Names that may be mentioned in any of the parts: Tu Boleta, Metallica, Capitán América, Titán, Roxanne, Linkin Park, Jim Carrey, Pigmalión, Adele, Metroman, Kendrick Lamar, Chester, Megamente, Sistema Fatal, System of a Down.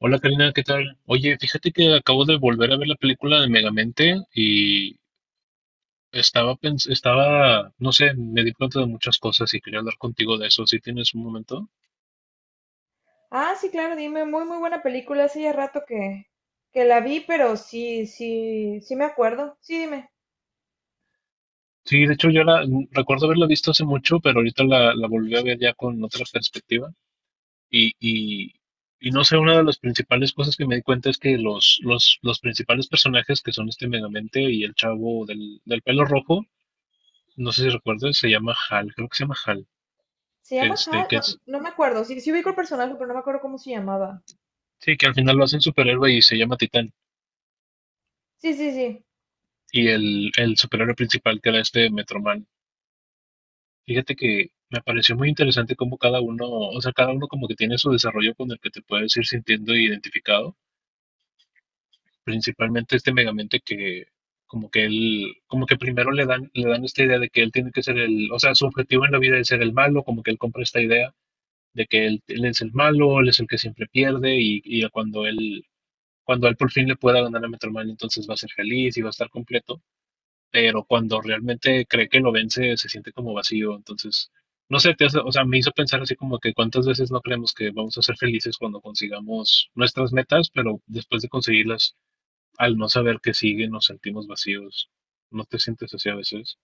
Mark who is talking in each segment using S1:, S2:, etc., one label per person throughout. S1: Hola Karina, ¿qué tal? Oye, fíjate que acabo de volver a ver la película de Megamente y estaba, no sé, me di cuenta de muchas cosas y quería hablar contigo de eso, si tienes un momento.
S2: Ah, sí, claro, dime, muy, muy buena película. Hace ya rato que la vi, pero sí, sí, sí me acuerdo. Sí, dime.
S1: Sí, de hecho yo recuerdo haberla visto hace mucho, pero ahorita la volví a ver ya con otra perspectiva. Y, y, y no sé, una de las principales cosas que me di cuenta es que los principales personajes que son este Megamente y el chavo del pelo rojo, no sé si recuerdas, se llama Hal, creo que se llama Hal
S2: ¿Se llama
S1: este,
S2: Hal?
S1: que
S2: No,
S1: es,
S2: no me acuerdo. Sí, sí ubico el personaje, pero no me acuerdo cómo se llamaba.
S1: Sí, que al final lo hacen superhéroe y se llama Titán.
S2: Sí, sí, sí.
S1: Y el superhéroe principal que era este Metroman. Fíjate que me pareció muy interesante cómo cada uno, o sea, cada uno como que tiene su desarrollo con el que te puedes ir sintiendo identificado. Principalmente este Megamente que como que él, como que primero le dan esta idea de que él tiene que ser el, o sea, su objetivo en la vida es ser el malo, como que él compra esta idea de que él es el malo, él es el que siempre pierde y cuando él por fin le pueda ganar a Metroman, entonces va a ser feliz y va a estar completo, pero cuando realmente cree que lo vence se siente como vacío. Entonces, no sé, o sea, me hizo pensar así como que cuántas veces no creemos que vamos a ser felices cuando consigamos nuestras metas, pero después de conseguirlas, al no saber qué sigue, nos sentimos vacíos. ¿No te sientes así a veces?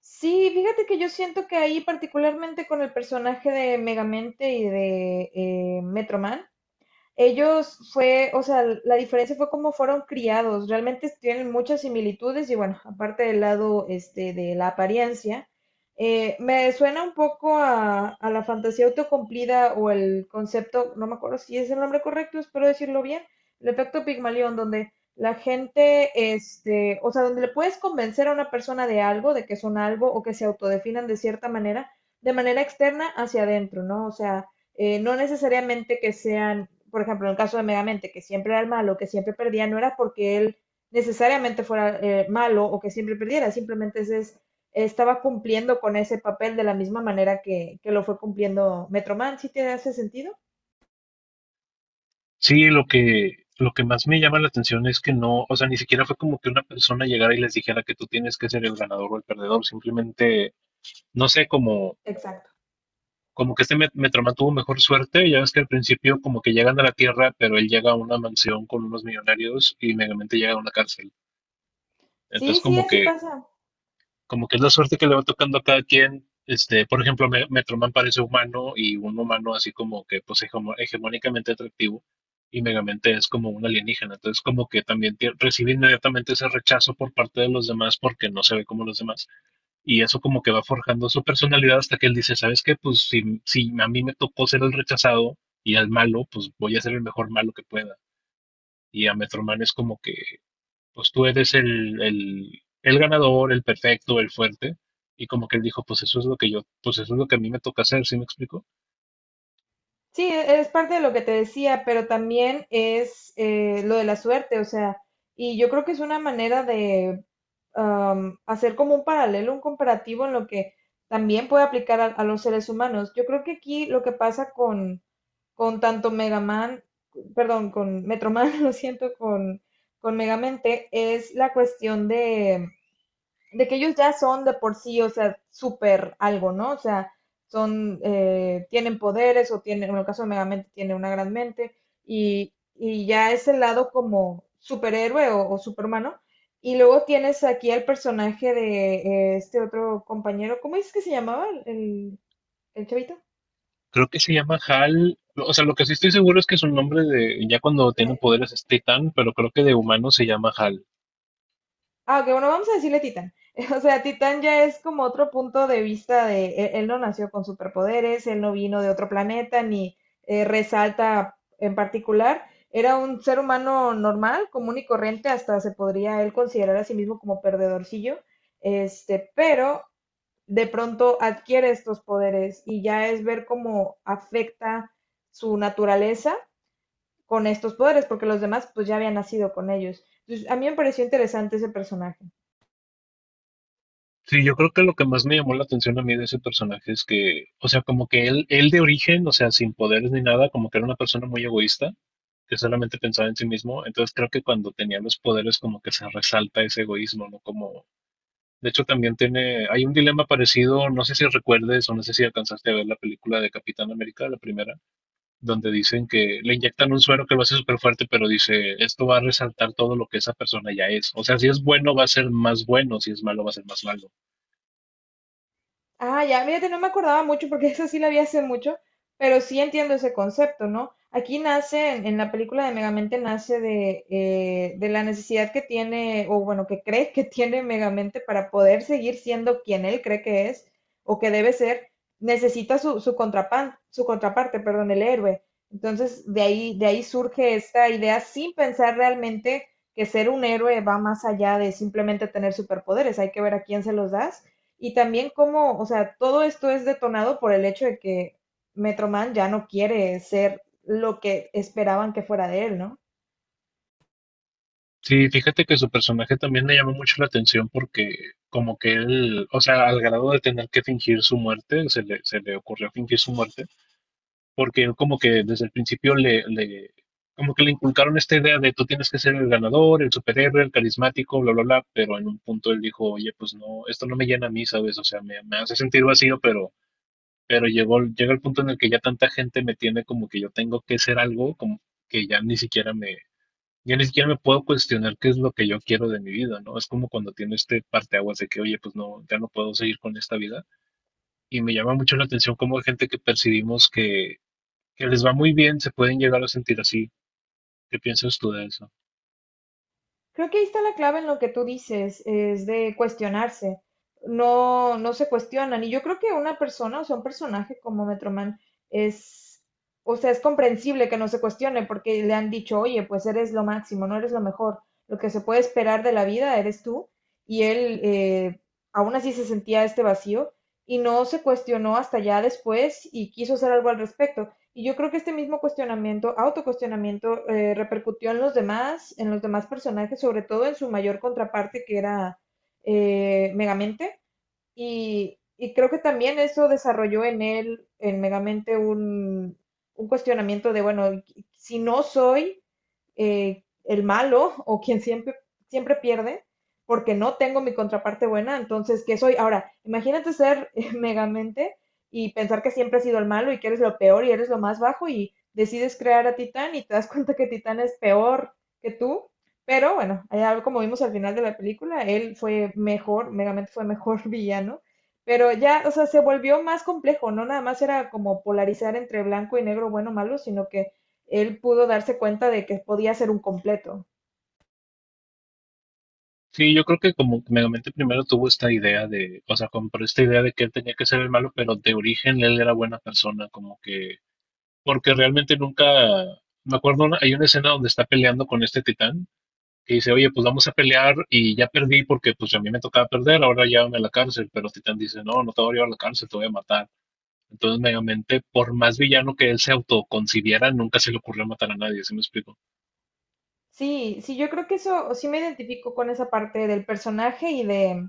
S2: Sí, fíjate que yo siento que ahí, particularmente con el personaje de Megamente y de Metroman, ellos fue, o sea, la diferencia fue cómo fueron criados. Realmente tienen muchas similitudes y bueno, aparte del lado este, de la apariencia, me suena un poco a la fantasía autocumplida o el concepto, no me acuerdo si es el nombre correcto, espero decirlo bien, el efecto Pigmalión, donde la gente, este, o sea, donde le puedes convencer a una persona de algo, de que son algo o que se autodefinan de cierta manera, de manera externa hacia adentro, ¿no? O sea, no necesariamente que sean, por ejemplo, en el caso de Megamente, que siempre era el malo, que siempre perdía, no era porque él necesariamente fuera malo o que siempre perdiera, simplemente ese es, estaba cumpliendo con ese papel de la misma manera que lo fue cumpliendo Metroman. ¿Sí te hace sentido?
S1: Sí, lo que más me llama la atención es que no, o sea, ni siquiera fue como que una persona llegara y les dijera que tú tienes que ser el ganador o el perdedor. Simplemente, no sé,
S2: Exacto.
S1: como que este Metroman tuvo mejor suerte, ya ves que al principio como que llegan a la Tierra, pero él llega a una mansión con unos millonarios y Megamente llega a una cárcel.
S2: Sí,
S1: Entonces
S2: sí, así pasa.
S1: como que es la suerte que le va tocando a cada quien. Este, por ejemplo, Metroman parece humano y un humano así como que pues hegemónicamente atractivo, y Megamente es como un alienígena. Entonces como que también recibe inmediatamente ese rechazo por parte de los demás porque no se ve como los demás. Y eso como que va forjando su personalidad hasta que él dice, ¿sabes qué? Pues si, si a mí me tocó ser el rechazado y el malo, pues voy a ser el mejor malo que pueda. Y a Metroman es como que, pues tú eres el ganador, el perfecto, el fuerte. Y como que él dijo, pues eso es lo que yo, pues eso es lo que a mí me toca hacer, ¿sí me explico?
S2: Sí, es parte de lo que te decía, pero también es lo de la suerte, o sea, y yo creo que es una manera de hacer como un paralelo, un comparativo en lo que también puede aplicar a los seres humanos. Yo creo que aquí lo que pasa con tanto Mega Man, perdón, con Metroman, lo siento, con Megamente, es la cuestión de que ellos ya son de por sí, o sea, súper algo, ¿no? O sea, son, tienen poderes o tienen, en el caso de Megamente, tiene una gran mente y ya es el lado como superhéroe o superhumano. Y luego tienes aquí al personaje de este otro compañero, ¿cómo es que se llamaba el chavito?
S1: Creo que se llama Hal, o sea, lo que sí estoy seguro es que su nombre de, ya cuando tiene poderes es Titan, pero creo que de humano se llama Hal.
S2: Ah, ok, bueno, vamos a decirle Titán. O sea, Titán ya es como otro punto de vista de él, él no nació con superpoderes, él no vino de otro planeta, ni resalta en particular. Era un ser humano normal, común y corriente, hasta se podría él considerar a sí mismo como perdedorcillo, este, pero de pronto adquiere estos poderes y ya es ver cómo afecta su naturaleza con estos poderes, porque los demás pues ya habían nacido con ellos. Entonces, a mí me pareció interesante ese personaje.
S1: Sí, yo creo que lo que más me llamó la atención a mí de ese personaje es que, o sea, como que él de origen, o sea, sin poderes ni nada, como que era una persona muy egoísta, que solamente pensaba en sí mismo. Entonces creo que cuando tenía los poderes como que se resalta ese egoísmo, ¿no? Como, de hecho también tiene, hay un dilema parecido, no sé si recuerdes o no sé si alcanzaste a ver la película de Capitán América, la primera, donde dicen que le inyectan un suero que lo hace súper fuerte, pero dice, esto va a resaltar todo lo que esa persona ya es. O sea, si es bueno va a ser más bueno, si es malo va a ser más malo.
S2: Ah, ya, mírate, no me acordaba mucho porque eso sí la vi hace mucho, pero sí entiendo ese concepto, ¿no? Aquí nace, en la película de Megamente, nace de la necesidad que tiene, o bueno, que cree que tiene Megamente para poder seguir siendo quien él cree que es o que debe ser, necesita su, su contraparte, perdón, el héroe. Entonces, de ahí surge esta idea sin pensar realmente que ser un héroe va más allá de simplemente tener superpoderes, hay que ver a quién se los das y también cómo, o sea, todo esto es detonado por el hecho de que Metro Man ya no quiere ser lo que esperaban que fuera de él, ¿no?
S1: Sí, fíjate que su personaje también me llamó mucho la atención porque como que él, o sea, al grado de tener que fingir su muerte, se le ocurrió fingir su muerte, porque él como que desde el principio como que le inculcaron esta idea de tú tienes que ser el ganador, el superhéroe, el carismático, bla, bla, bla, pero en un punto él dijo, oye, pues no, esto no me llena a mí, ¿sabes? O sea, me hace sentir vacío, pero, llega el punto en el que ya tanta gente me tiene como que yo tengo que ser algo, como que ya ni siquiera me, yo ni siquiera me puedo cuestionar qué es lo que yo quiero de mi vida, ¿no? Es como cuando tiene este parteaguas de que, oye, pues no, ya no puedo seguir con esta vida. Y me llama mucho la atención cómo hay gente que percibimos que les va muy bien, se pueden llegar a sentir así. ¿Qué piensas tú de eso?
S2: Creo que ahí está la clave en lo que tú dices, es de cuestionarse. No, no se cuestionan. Y yo creo que una persona, o sea, un personaje como Metroman es, o sea, es comprensible que no se cuestione porque le han dicho, oye, pues eres lo máximo, no eres lo mejor. Lo que se puede esperar de la vida eres tú. Y él aún así se sentía este vacío y no se cuestionó hasta ya después y quiso hacer algo al respecto. Y yo creo que este mismo cuestionamiento, autocuestionamiento, repercutió en los demás personajes, sobre todo en su mayor contraparte que era Megamente. Y creo que también eso desarrolló en él, en Megamente, un cuestionamiento de, bueno, si no soy el malo o quien siempre, siempre pierde, porque no tengo mi contraparte buena, entonces, ¿qué soy? Ahora, imagínate ser Megamente y pensar que siempre has sido el malo y que eres lo peor y eres lo más bajo y decides crear a Titán y te das cuenta que Titán es peor que tú, pero bueno, ya como vimos al final de la película, él fue mejor, Megamente fue mejor villano, pero ya, o sea, se volvió más complejo, no nada más era como polarizar entre blanco y negro, bueno o malo, sino que él pudo darse cuenta de que podía ser un completo.
S1: Sí, yo creo que como que Megamente primero tuvo esta idea de, o sea, compró esta idea de que él tenía que ser el malo, pero de origen él era buena persona, como que, porque realmente nunca, me acuerdo, hay una escena donde está peleando con este titán que dice, oye, pues vamos a pelear y ya perdí porque pues a mí me tocaba perder, ahora llévame a la cárcel, pero Titán dice, no, no te voy a llevar a la cárcel, te voy a matar. Entonces, Megamente, por más villano que él se autoconcibiera, nunca se le ocurrió matar a nadie, ¿sí me explico?
S2: Sí, sí, yo creo que eso, sí me identifico con esa parte del personaje y de,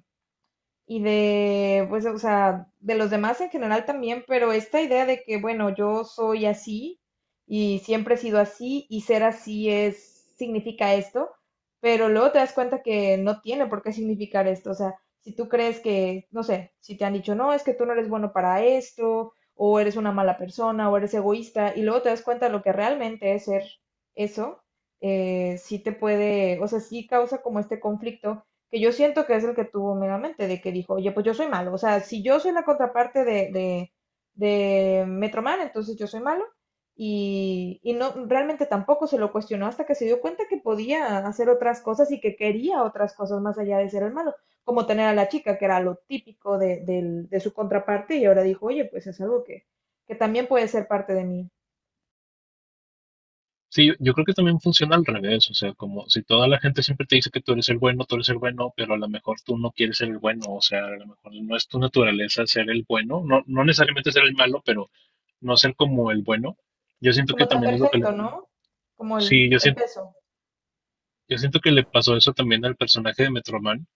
S2: pues, o sea, de los demás en general también, pero esta idea de que, bueno, yo soy así y siempre he sido así y ser así es, significa esto, pero luego te das cuenta que no tiene por qué significar esto, o sea, si tú crees que, no sé, si te han dicho, no, es que tú no eres bueno para esto, o eres una mala persona, o eres egoísta, y luego te das cuenta de lo que realmente es ser eso, sí te puede, o sea, sí causa como este conflicto que yo siento que es el que tuvo meramente, de que dijo, oye, pues yo soy malo, o sea, si yo soy la contraparte de Metroman, entonces yo soy malo, y no, realmente tampoco se lo cuestionó hasta que se dio cuenta que podía hacer otras cosas y que quería otras cosas más allá de ser el malo, como tener a la chica, que era lo típico de, de su contraparte, y ahora dijo, oye, pues es algo que también puede ser parte de mí,
S1: Sí, yo creo que también funciona al revés, o sea, como si toda la gente siempre te dice que tú eres el bueno, tú eres el bueno, pero a lo mejor tú no quieres ser el bueno, o sea, a lo mejor no es tu naturaleza ser el bueno, no, no necesariamente ser el malo, pero no ser como el bueno. Yo siento que
S2: como tan
S1: también es lo que le...
S2: perfecto, ¿no? Como
S1: Sí, yo
S2: el
S1: siento.
S2: peso.
S1: Yo siento que le pasó eso también al personaje de Metroman.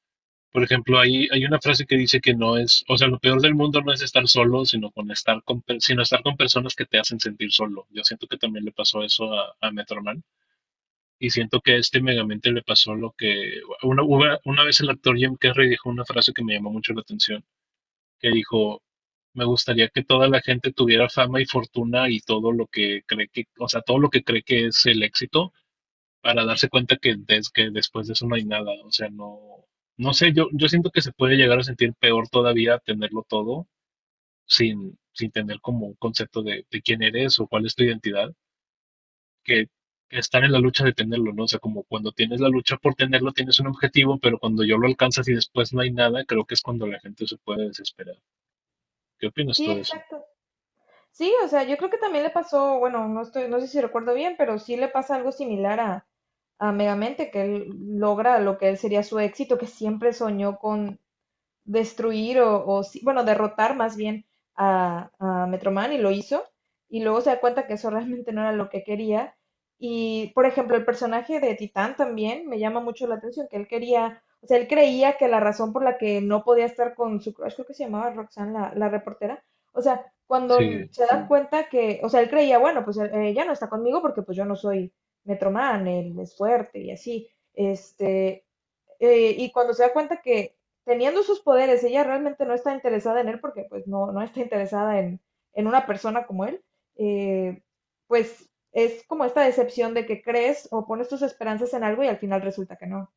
S1: Por ejemplo, hay una frase que dice que no es, o sea, lo peor del mundo no es estar solo, sino con estar con, per- sino estar con personas que te hacen sentir solo. Yo siento que también le pasó eso a Metroman. Y siento que a este Megamente le pasó lo que una vez el actor Jim Carrey dijo una frase que me llamó mucho la atención, que dijo, me gustaría que toda la gente tuviera fama y fortuna y todo lo que cree que, o sea, todo lo que cree que es el éxito, para darse cuenta que, que después de eso no hay nada. O sea, no, no sé, yo siento que se puede llegar a sentir peor todavía tenerlo todo sin, sin tener como un concepto de quién eres o cuál es tu identidad, que, que estar en la lucha de tenerlo, ¿no? O sea, como cuando tienes la lucha por tenerlo, tienes un objetivo, pero cuando yo lo alcanzas y después no hay nada, creo que es cuando la gente se puede desesperar. ¿Qué opinas
S2: Sí,
S1: tú de eso?
S2: exacto. Sí, o sea, yo creo que también le pasó, bueno, no estoy, no sé si recuerdo bien, pero sí le pasa algo similar a Megamente, que él logra lo que él sería su éxito, que siempre soñó con, destruir o, bueno, derrotar más bien a Metroman y lo hizo. Y luego se da cuenta que eso realmente no era lo que quería. Y, por ejemplo, el personaje de Titán también me llama mucho la atención, que él quería, o sea, él creía que la razón por la que no podía estar con su crush, creo que se llamaba Roxanne, la reportera, o sea, cuando
S1: Sí.
S2: se da Sí. cuenta que, o sea, él creía, bueno, pues ya no está conmigo porque pues yo no soy Metroman, él es fuerte y así. Este, y cuando se da cuenta que teniendo sus poderes, ella realmente no está interesada en él porque pues no, no está interesada en una persona como él, eh, pues es como esta decepción de que crees o pones tus esperanzas en algo y al final resulta que no.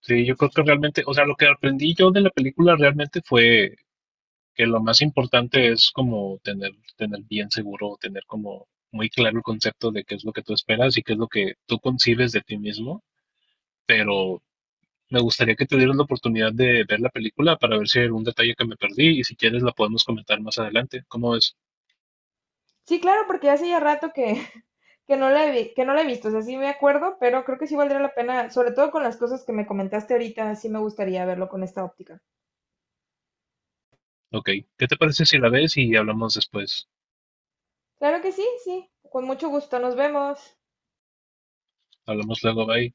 S1: Sí, yo creo que realmente, o sea, lo que aprendí yo de la película realmente fue que lo más importante es como tener, tener bien seguro, tener como muy claro el concepto de qué es lo que tú esperas y qué es lo que tú concibes de ti mismo, pero me gustaría que te dieras la oportunidad de ver la película para ver si hay algún detalle que me perdí y si quieres la podemos comentar más adelante. ¿Cómo es?
S2: Sí, claro, porque hace ya rato que, que no la he, que no la he visto, o sea, sí me acuerdo, pero creo que sí valdría la pena, sobre todo con las cosas que me comentaste ahorita, sí me gustaría verlo con esta óptica.
S1: Ok, ¿qué te parece si la ves y hablamos después?
S2: Claro que sí, sí, con mucho gusto, nos vemos.
S1: Hablamos luego, bye.